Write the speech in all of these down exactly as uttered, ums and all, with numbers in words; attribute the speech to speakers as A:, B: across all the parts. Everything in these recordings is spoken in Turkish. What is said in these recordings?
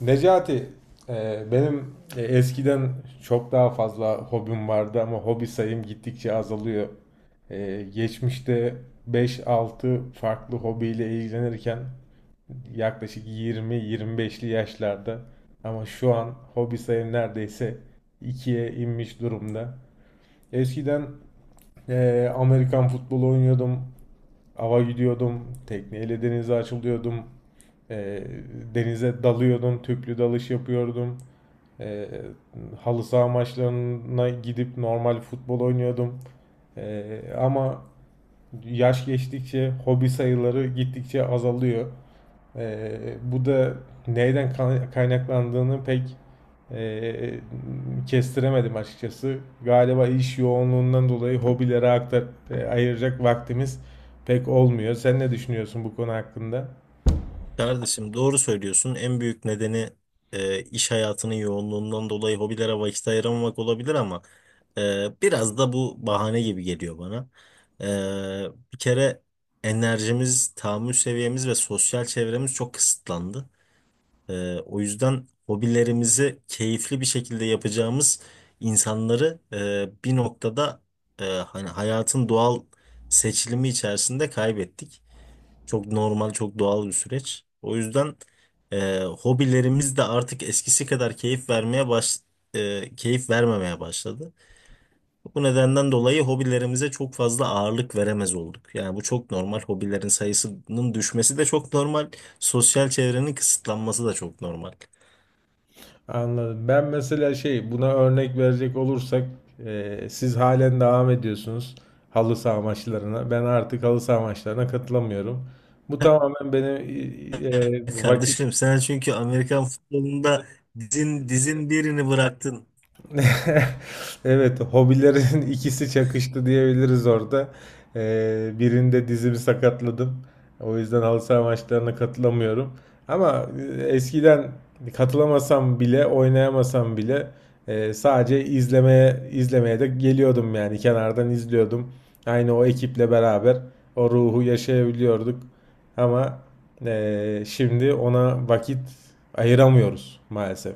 A: Necati, e, benim e, eskiden çok daha fazla hobim vardı ama hobi sayım gittikçe azalıyor. E, geçmişte beş altı farklı hobiyle ilgilenirken yaklaşık yirmi yirmi beşli yaşlarda ama şu an hobi sayım neredeyse ikiye inmiş durumda. Eskiden e, Amerikan futbolu oynuyordum, ava gidiyordum, tekneyle denize açılıyordum, e, denize dalıyordum, tüplü dalış yapıyordum. E, Halı saha maçlarına gidip normal futbol oynuyordum. E, ama yaş geçtikçe hobi sayıları gittikçe azalıyor. E, bu da neyden kaynaklandığını pek e, kestiremedim açıkçası. Galiba iş yoğunluğundan dolayı hobilere aktar, e, ayıracak vaktimiz pek olmuyor. Sen ne düşünüyorsun bu konu hakkında?
B: Kardeşim doğru söylüyorsun. En büyük nedeni e, iş hayatının yoğunluğundan dolayı hobilere vakit ayıramamak olabilir ama e, biraz da bu bahane gibi geliyor bana. E, Bir kere enerjimiz, tahammül seviyemiz ve sosyal çevremiz çok kısıtlandı. E, o yüzden hobilerimizi keyifli bir şekilde yapacağımız insanları e, bir noktada e, hani hayatın doğal seçilimi içerisinde kaybettik. Çok normal, çok doğal bir süreç. O yüzden e, hobilerimiz de artık eskisi kadar keyif vermeye baş e, keyif vermemeye başladı. Bu nedenden dolayı hobilerimize çok fazla ağırlık veremez olduk. Yani bu çok normal. Hobilerin sayısının düşmesi de çok normal. Sosyal çevrenin kısıtlanması da çok normal.
A: Anladım. Ben mesela şey buna örnek verecek olursak e, siz halen devam ediyorsunuz halı saha maçlarına. Ben artık halı saha maçlarına katılamıyorum. Bu tamamen benim e, e, vakit
B: Kardeşim sen çünkü Amerikan futbolunda dizin dizin birini bıraktın.
A: Evet, hobilerin ikisi çakıştı diyebiliriz orada. Ee, birinde dizimi sakatladım. O yüzden halı saha maçlarına katılamıyorum. Ama e, eskiden katılamasam bile, oynayamasam bile e, sadece izlemeye izlemeye de geliyordum, yani kenardan izliyordum. Aynı o ekiple beraber o ruhu yaşayabiliyorduk. Ama e, şimdi ona vakit ayıramıyoruz maalesef.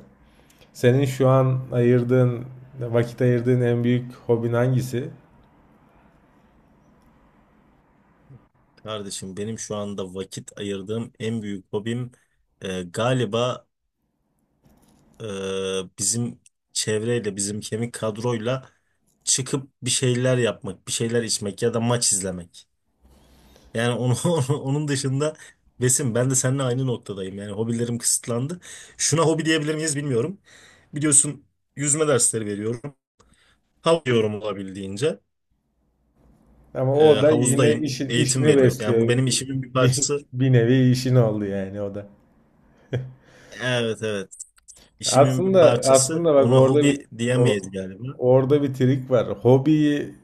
A: Senin şu an ayırdığın, vakit ayırdığın en büyük hobin hangisi?
B: Kardeşim benim şu anda vakit ayırdığım en büyük hobim e, galiba e, bizim çevreyle, bizim kemik kadroyla çıkıp bir şeyler yapmak, bir şeyler içmek ya da maç izlemek. Yani onu, onu- onun dışında Besim, ben de seninle aynı noktadayım. Yani hobilerim kısıtlandı. Şuna hobi diyebilir miyiz bilmiyorum. Biliyorsun, yüzme dersleri veriyorum. Hav diyorum olabildiğince.
A: Ama
B: E,
A: o da yine
B: havuzdayım,
A: işin,
B: eğitim
A: işini
B: veriyorum. Yani
A: besliyor.
B: bu benim işimin bir
A: Bir,
B: parçası.
A: bir nevi işin oldu yani o da.
B: Evet, evet. İşimin bir
A: Aslında
B: parçası.
A: aslında bak
B: Ona
A: orada bir
B: hobi
A: o-
B: diyemeyiz galiba.
A: orada bir trik var. Hobiyi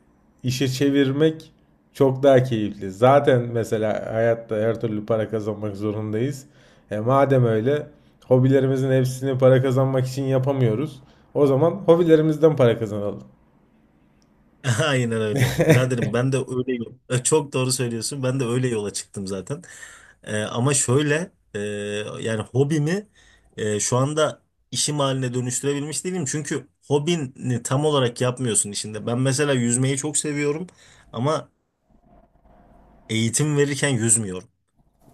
A: işe çevirmek çok daha keyifli. Zaten mesela hayatta her türlü para kazanmak zorundayız. E madem öyle hobilerimizin hepsini para kazanmak için yapamıyoruz. O zaman hobilerimizden para kazanalım.
B: Aynen öyle. Biraderim ben de öyle, çok doğru söylüyorsun. Ben de öyle yola çıktım zaten. E, ama şöyle e, yani hobimi e, şu anda işim haline dönüştürebilmiş değilim. Çünkü hobini tam olarak yapmıyorsun işinde. Ben mesela yüzmeyi çok seviyorum ama eğitim verirken yüzmüyorum.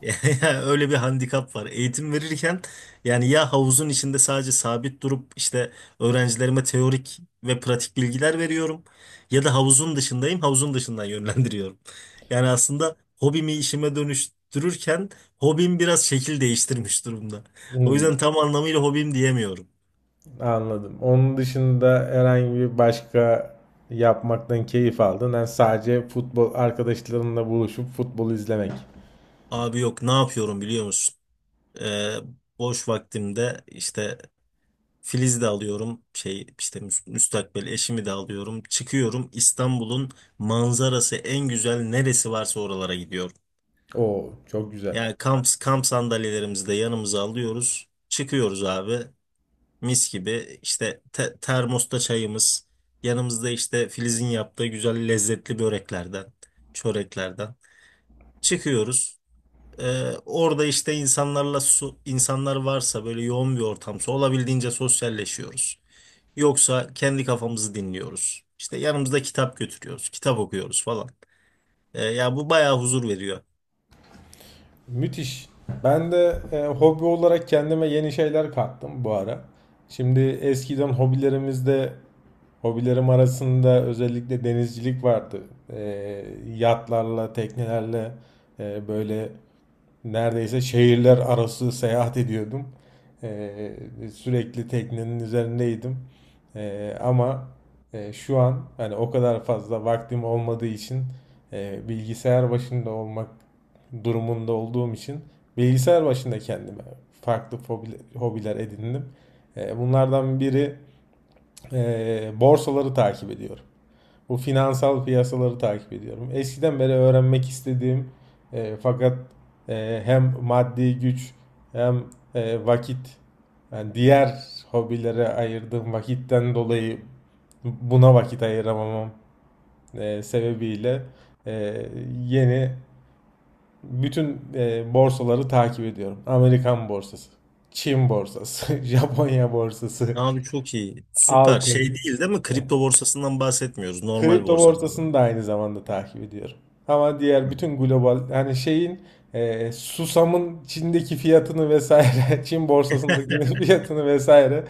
B: Öyle bir handikap var. Eğitim verirken yani ya havuzun içinde sadece sabit durup işte öğrencilerime teorik ve pratik bilgiler veriyorum ya da havuzun dışındayım, havuzun dışından yönlendiriyorum. Yani aslında hobimi işime dönüştürürken hobim biraz şekil değiştirmiş durumda. O
A: Hmm.
B: yüzden tam anlamıyla hobim diyemiyorum.
A: Anladım. Onun dışında herhangi bir başka yapmaktan keyif aldın. Yani sadece futbol arkadaşlarınla buluşup futbol izlemek.
B: Abi yok, ne yapıyorum biliyor musun? Ee, Boş vaktimde işte Filiz de alıyorum, şey işte müs- müstakbel eşimi de alıyorum. Çıkıyorum, İstanbul'un manzarası en güzel neresi varsa oralara gidiyorum.
A: Oo, çok güzel.
B: Yani kamp, kamp sandalyelerimizi de yanımıza alıyoruz. Çıkıyoruz abi, mis gibi işte te- termosta çayımız yanımızda, işte Filiz'in yaptığı güzel lezzetli böreklerden, çöreklerden çıkıyoruz. Ee, orada işte insanlarla su, insanlar varsa böyle yoğun bir ortamsa olabildiğince sosyalleşiyoruz. Yoksa kendi kafamızı dinliyoruz. İşte yanımızda kitap götürüyoruz, kitap okuyoruz falan. Ee, ya bu bayağı huzur veriyor.
A: Müthiş. Ben de e, hobi olarak kendime yeni şeyler kattım bu ara. Şimdi eskiden hobilerimizde hobilerim arasında özellikle denizcilik vardı. E, Yatlarla, teknelerle, e, böyle neredeyse şehirler arası seyahat ediyordum. Ee, Sürekli teknenin üzerindeydim. Ee, ama e, şu an hani o kadar fazla vaktim olmadığı için, e, bilgisayar başında olmak durumunda olduğum için bilgisayar başında kendime farklı hobi- hobiler edindim. Ee, bunlardan biri, e, borsaları takip ediyorum. Bu finansal piyasaları takip ediyorum. Eskiden beri öğrenmek istediğim e, fakat e, hem maddi güç hem e, vakit, yani diğer hobilere ayırdığım vakitten dolayı buna vakit ayıramamam e, sebebiyle, e, yeni bütün e, borsaları takip ediyorum. Amerikan borsası, Çin borsası, Japonya borsası,
B: Abi çok iyi, süper. Şey,
A: altın.
B: değil değil mi? Kripto borsasından bahsetmiyoruz, normal
A: Kripto
B: borsalardan.
A: borsasını da aynı zamanda takip ediyorum. Ama
B: Hı
A: diğer
B: hı.
A: bütün global hani şeyin, e, susamın Çin'deki fiyatını vesaire, Çin borsasındaki fiyatını vesaire,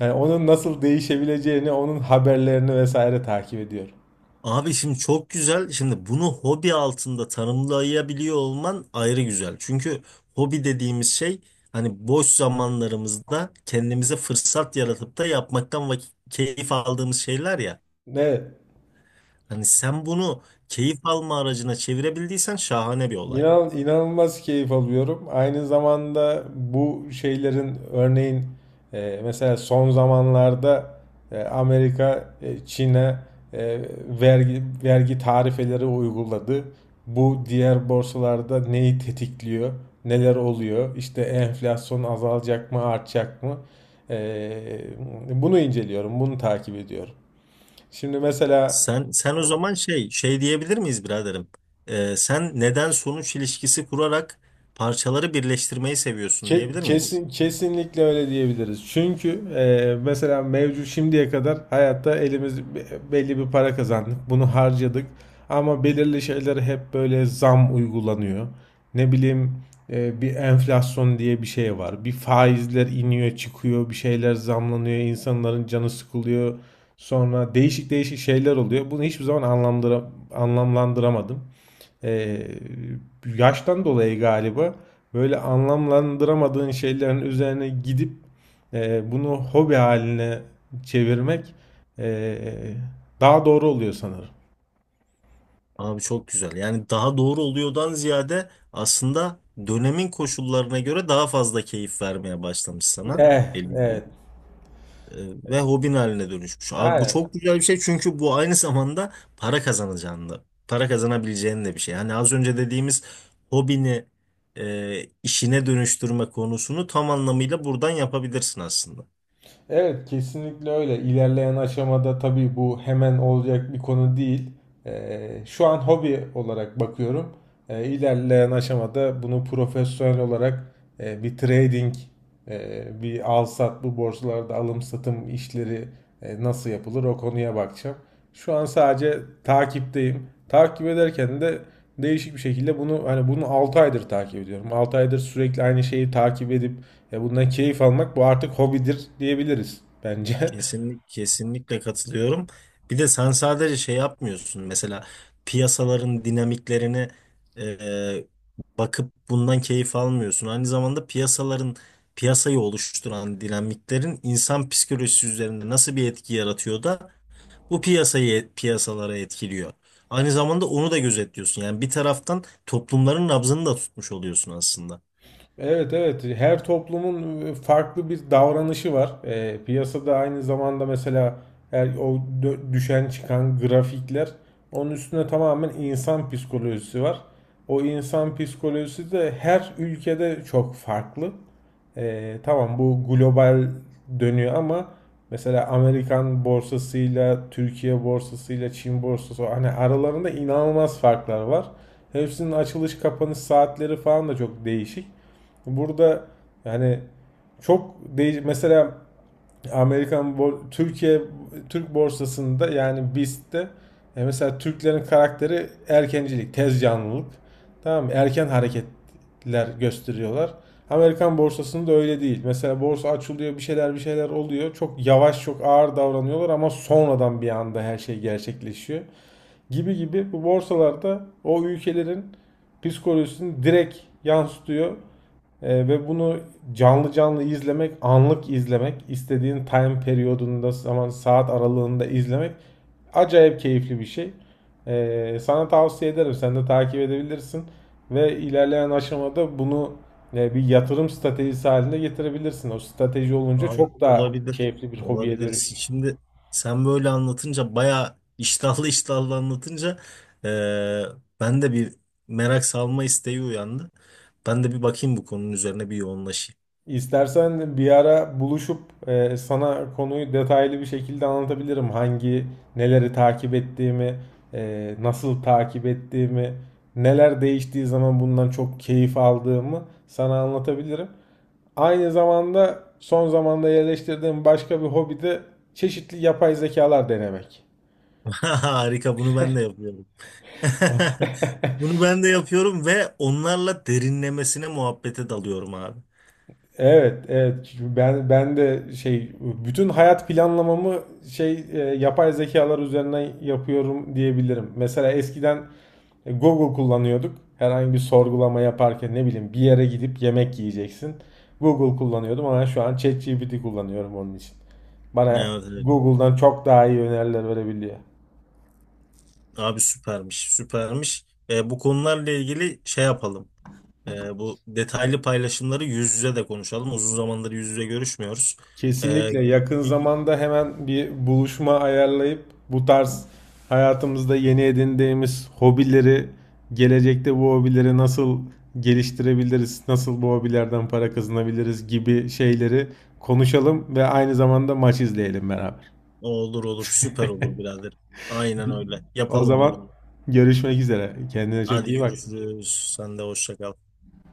A: yani onun nasıl değişebileceğini, onun haberlerini vesaire takip ediyorum.
B: Abi şimdi çok güzel. Şimdi bunu hobi altında tanımlayabiliyor olman ayrı güzel. Çünkü hobi dediğimiz şey, hani boş zamanlarımızda kendimize fırsat yaratıp da yapmaktan vakit, keyif aldığımız şeyler ya.
A: Ne?
B: Hani sen bunu keyif alma aracına çevirebildiysen şahane bir olay.
A: İnan, inanılmaz keyif alıyorum. Aynı zamanda bu şeylerin örneğin e, mesela son zamanlarda e, Amerika e, Çin'e e, vergi vergi tarifeleri uyguladı. Bu diğer borsalarda neyi tetikliyor? Neler oluyor? İşte enflasyon azalacak mı, artacak mı? E, Bunu inceliyorum, bunu takip ediyorum. Şimdi mesela
B: Sen sen o zaman şey şey diyebilir miyiz biraderim? Ee, sen neden sonuç ilişkisi kurarak parçaları birleştirmeyi seviyorsun
A: Ke-
B: diyebilir miyiz?
A: Kesin kesinlikle öyle diyebiliriz. Çünkü e, mesela mevcut şimdiye kadar hayatta elimiz be- belli bir para kazandık. Bunu harcadık. Ama belirli şeylere hep böyle zam uygulanıyor. Ne bileyim, e, bir enflasyon diye bir şey var. Bir faizler iniyor çıkıyor. Bir şeyler zamlanıyor. İnsanların canı sıkılıyor. Sonra değişik değişik şeyler oluyor. Bunu hiçbir zaman anlamlandıra- anlamlandıramadım. Ee, Yaştan dolayı galiba böyle anlamlandıramadığın şeylerin üzerine gidip e, bunu hobi haline çevirmek e, daha doğru oluyor sanırım.
B: Abi çok güzel. Yani daha doğru oluyordan ziyade aslında dönemin koşullarına göre daha fazla keyif vermeye başlamış sana,
A: Evet,
B: belli ki.
A: evet.
B: E, Ve hobin haline dönüşmüş. Abi bu
A: Aynen.
B: çok güzel bir şey, çünkü bu aynı zamanda para kazanacağını da, para kazanabileceğin de bir şey. Yani az önce dediğimiz hobini e, işine dönüştürme konusunu tam anlamıyla buradan yapabilirsin aslında.
A: Evet, kesinlikle öyle. İlerleyen aşamada tabii bu hemen olacak bir konu değil. Ee, şu an hobi olarak bakıyorum. E, ilerleyen aşamada bunu profesyonel olarak, e, bir trading, e, bir al sat, bu borsalarda alım satım işleri e, nasıl yapılır, o konuya bakacağım. Şu an sadece takipteyim. Takip ederken de değişik bir şekilde bunu hani bunu altı aydır takip ediyorum. Altı aydır sürekli aynı şeyi takip edip, ya bundan keyif almak, bu artık hobidir diyebiliriz bence.
B: Kesinlik, kesinlikle katılıyorum. Bir de sen sadece şey yapmıyorsun. Mesela piyasaların dinamiklerine e, bakıp bundan keyif almıyorsun. Aynı zamanda piyasaların piyasayı oluşturan dinamiklerin insan psikolojisi üzerinde nasıl bir etki yaratıyor da bu piyasayı piyasalara etkiliyor. Aynı zamanda onu da gözetliyorsun. Yani bir taraftan toplumların nabzını da tutmuş oluyorsun aslında.
A: Evet evet, her toplumun e, farklı bir davranışı var. E, piyasada aynı zamanda mesela her, o dö- düşen çıkan grafikler, onun üstüne tamamen insan psikolojisi var. O insan psikolojisi de her ülkede çok farklı. E, tamam, bu global dönüyor ama mesela Amerikan borsasıyla, Türkiye borsasıyla, Çin borsası hani aralarında inanılmaz farklar var. Hepsinin açılış kapanış saatleri falan da çok değişik. Burada yani çok değiş mesela Amerikan Türkiye Türk borsasında, yani B I S T'te, e, mesela Türklerin karakteri erkencilik, tez canlılık. Tamam mı? Erken hareketler gösteriyorlar. Amerikan borsasında öyle değil. Mesela borsa açılıyor, bir şeyler bir şeyler oluyor. Çok yavaş, çok ağır davranıyorlar ama sonradan bir anda her şey gerçekleşiyor. Gibi gibi bu borsalarda o ülkelerin psikolojisini direkt yansıtıyor. Ee, ve bunu canlı canlı izlemek, anlık izlemek, istediğin time periyodunda, zaman saat aralığında izlemek acayip keyifli bir şey. Ee, sana tavsiye ederim. Sen de takip edebilirsin ve ilerleyen aşamada bunu e, bir yatırım stratejisi haline getirebilirsin. O strateji olunca
B: Abi
A: çok daha
B: olabilir.
A: keyifli bir hobiye
B: Olabilir.
A: dönüşür.
B: Si, Şimdi sen böyle anlatınca, bayağı iştahlı iştahlı anlatınca, eee, ben de bir merak salma isteği uyandı. Ben de bir bakayım, bu konunun üzerine bir yoğunlaşayım.
A: İstersen bir ara buluşup e, sana konuyu detaylı bir şekilde anlatabilirim. Hangi neleri takip ettiğimi, e, nasıl takip ettiğimi, neler değiştiği zaman bundan çok keyif aldığımı sana anlatabilirim. Aynı zamanda son zamanda yerleştirdiğim başka bir hobi de çeşitli yapay zekalar denemek.
B: Harika, bunu ben de yapıyorum. Bunu ben de yapıyorum ve onlarla derinlemesine muhabbete dalıyorum abi.
A: Evet, evet. Çünkü Ben ben de şey, bütün hayat planlamamı şey e, yapay zekalar üzerinden yapıyorum diyebilirim. Mesela eskiden e, Google kullanıyorduk. Herhangi bir sorgulama yaparken, ne bileyim, bir yere gidip yemek yiyeceksin. Google kullanıyordum ama şu an ChatGPT kullanıyorum onun için. Bana
B: Evet, evet.
A: Google'dan çok daha iyi öneriler verebiliyor.
B: Abi süpermiş, süpermiş. Eee, bu konularla ilgili şey yapalım. Ee, bu detaylı paylaşımları yüz yüze de konuşalım. Uzun zamandır yüz yüze görüşmüyoruz. Ee,
A: Kesinlikle yakın
B: bir-
A: zamanda hemen bir buluşma ayarlayıp bu tarz hayatımızda yeni edindiğimiz hobileri, gelecekte bu hobileri nasıl geliştirebiliriz, nasıl bu hobilerden para kazanabiliriz gibi şeyleri konuşalım ve aynı zamanda maç izleyelim beraber.
B: olur olur, süper olur birader. Aynen öyle.
A: O
B: Yapalım bunu.
A: zaman görüşmek üzere. Kendine çok
B: Hadi
A: iyi bak.
B: görüşürüz. Sen de hoşça kal.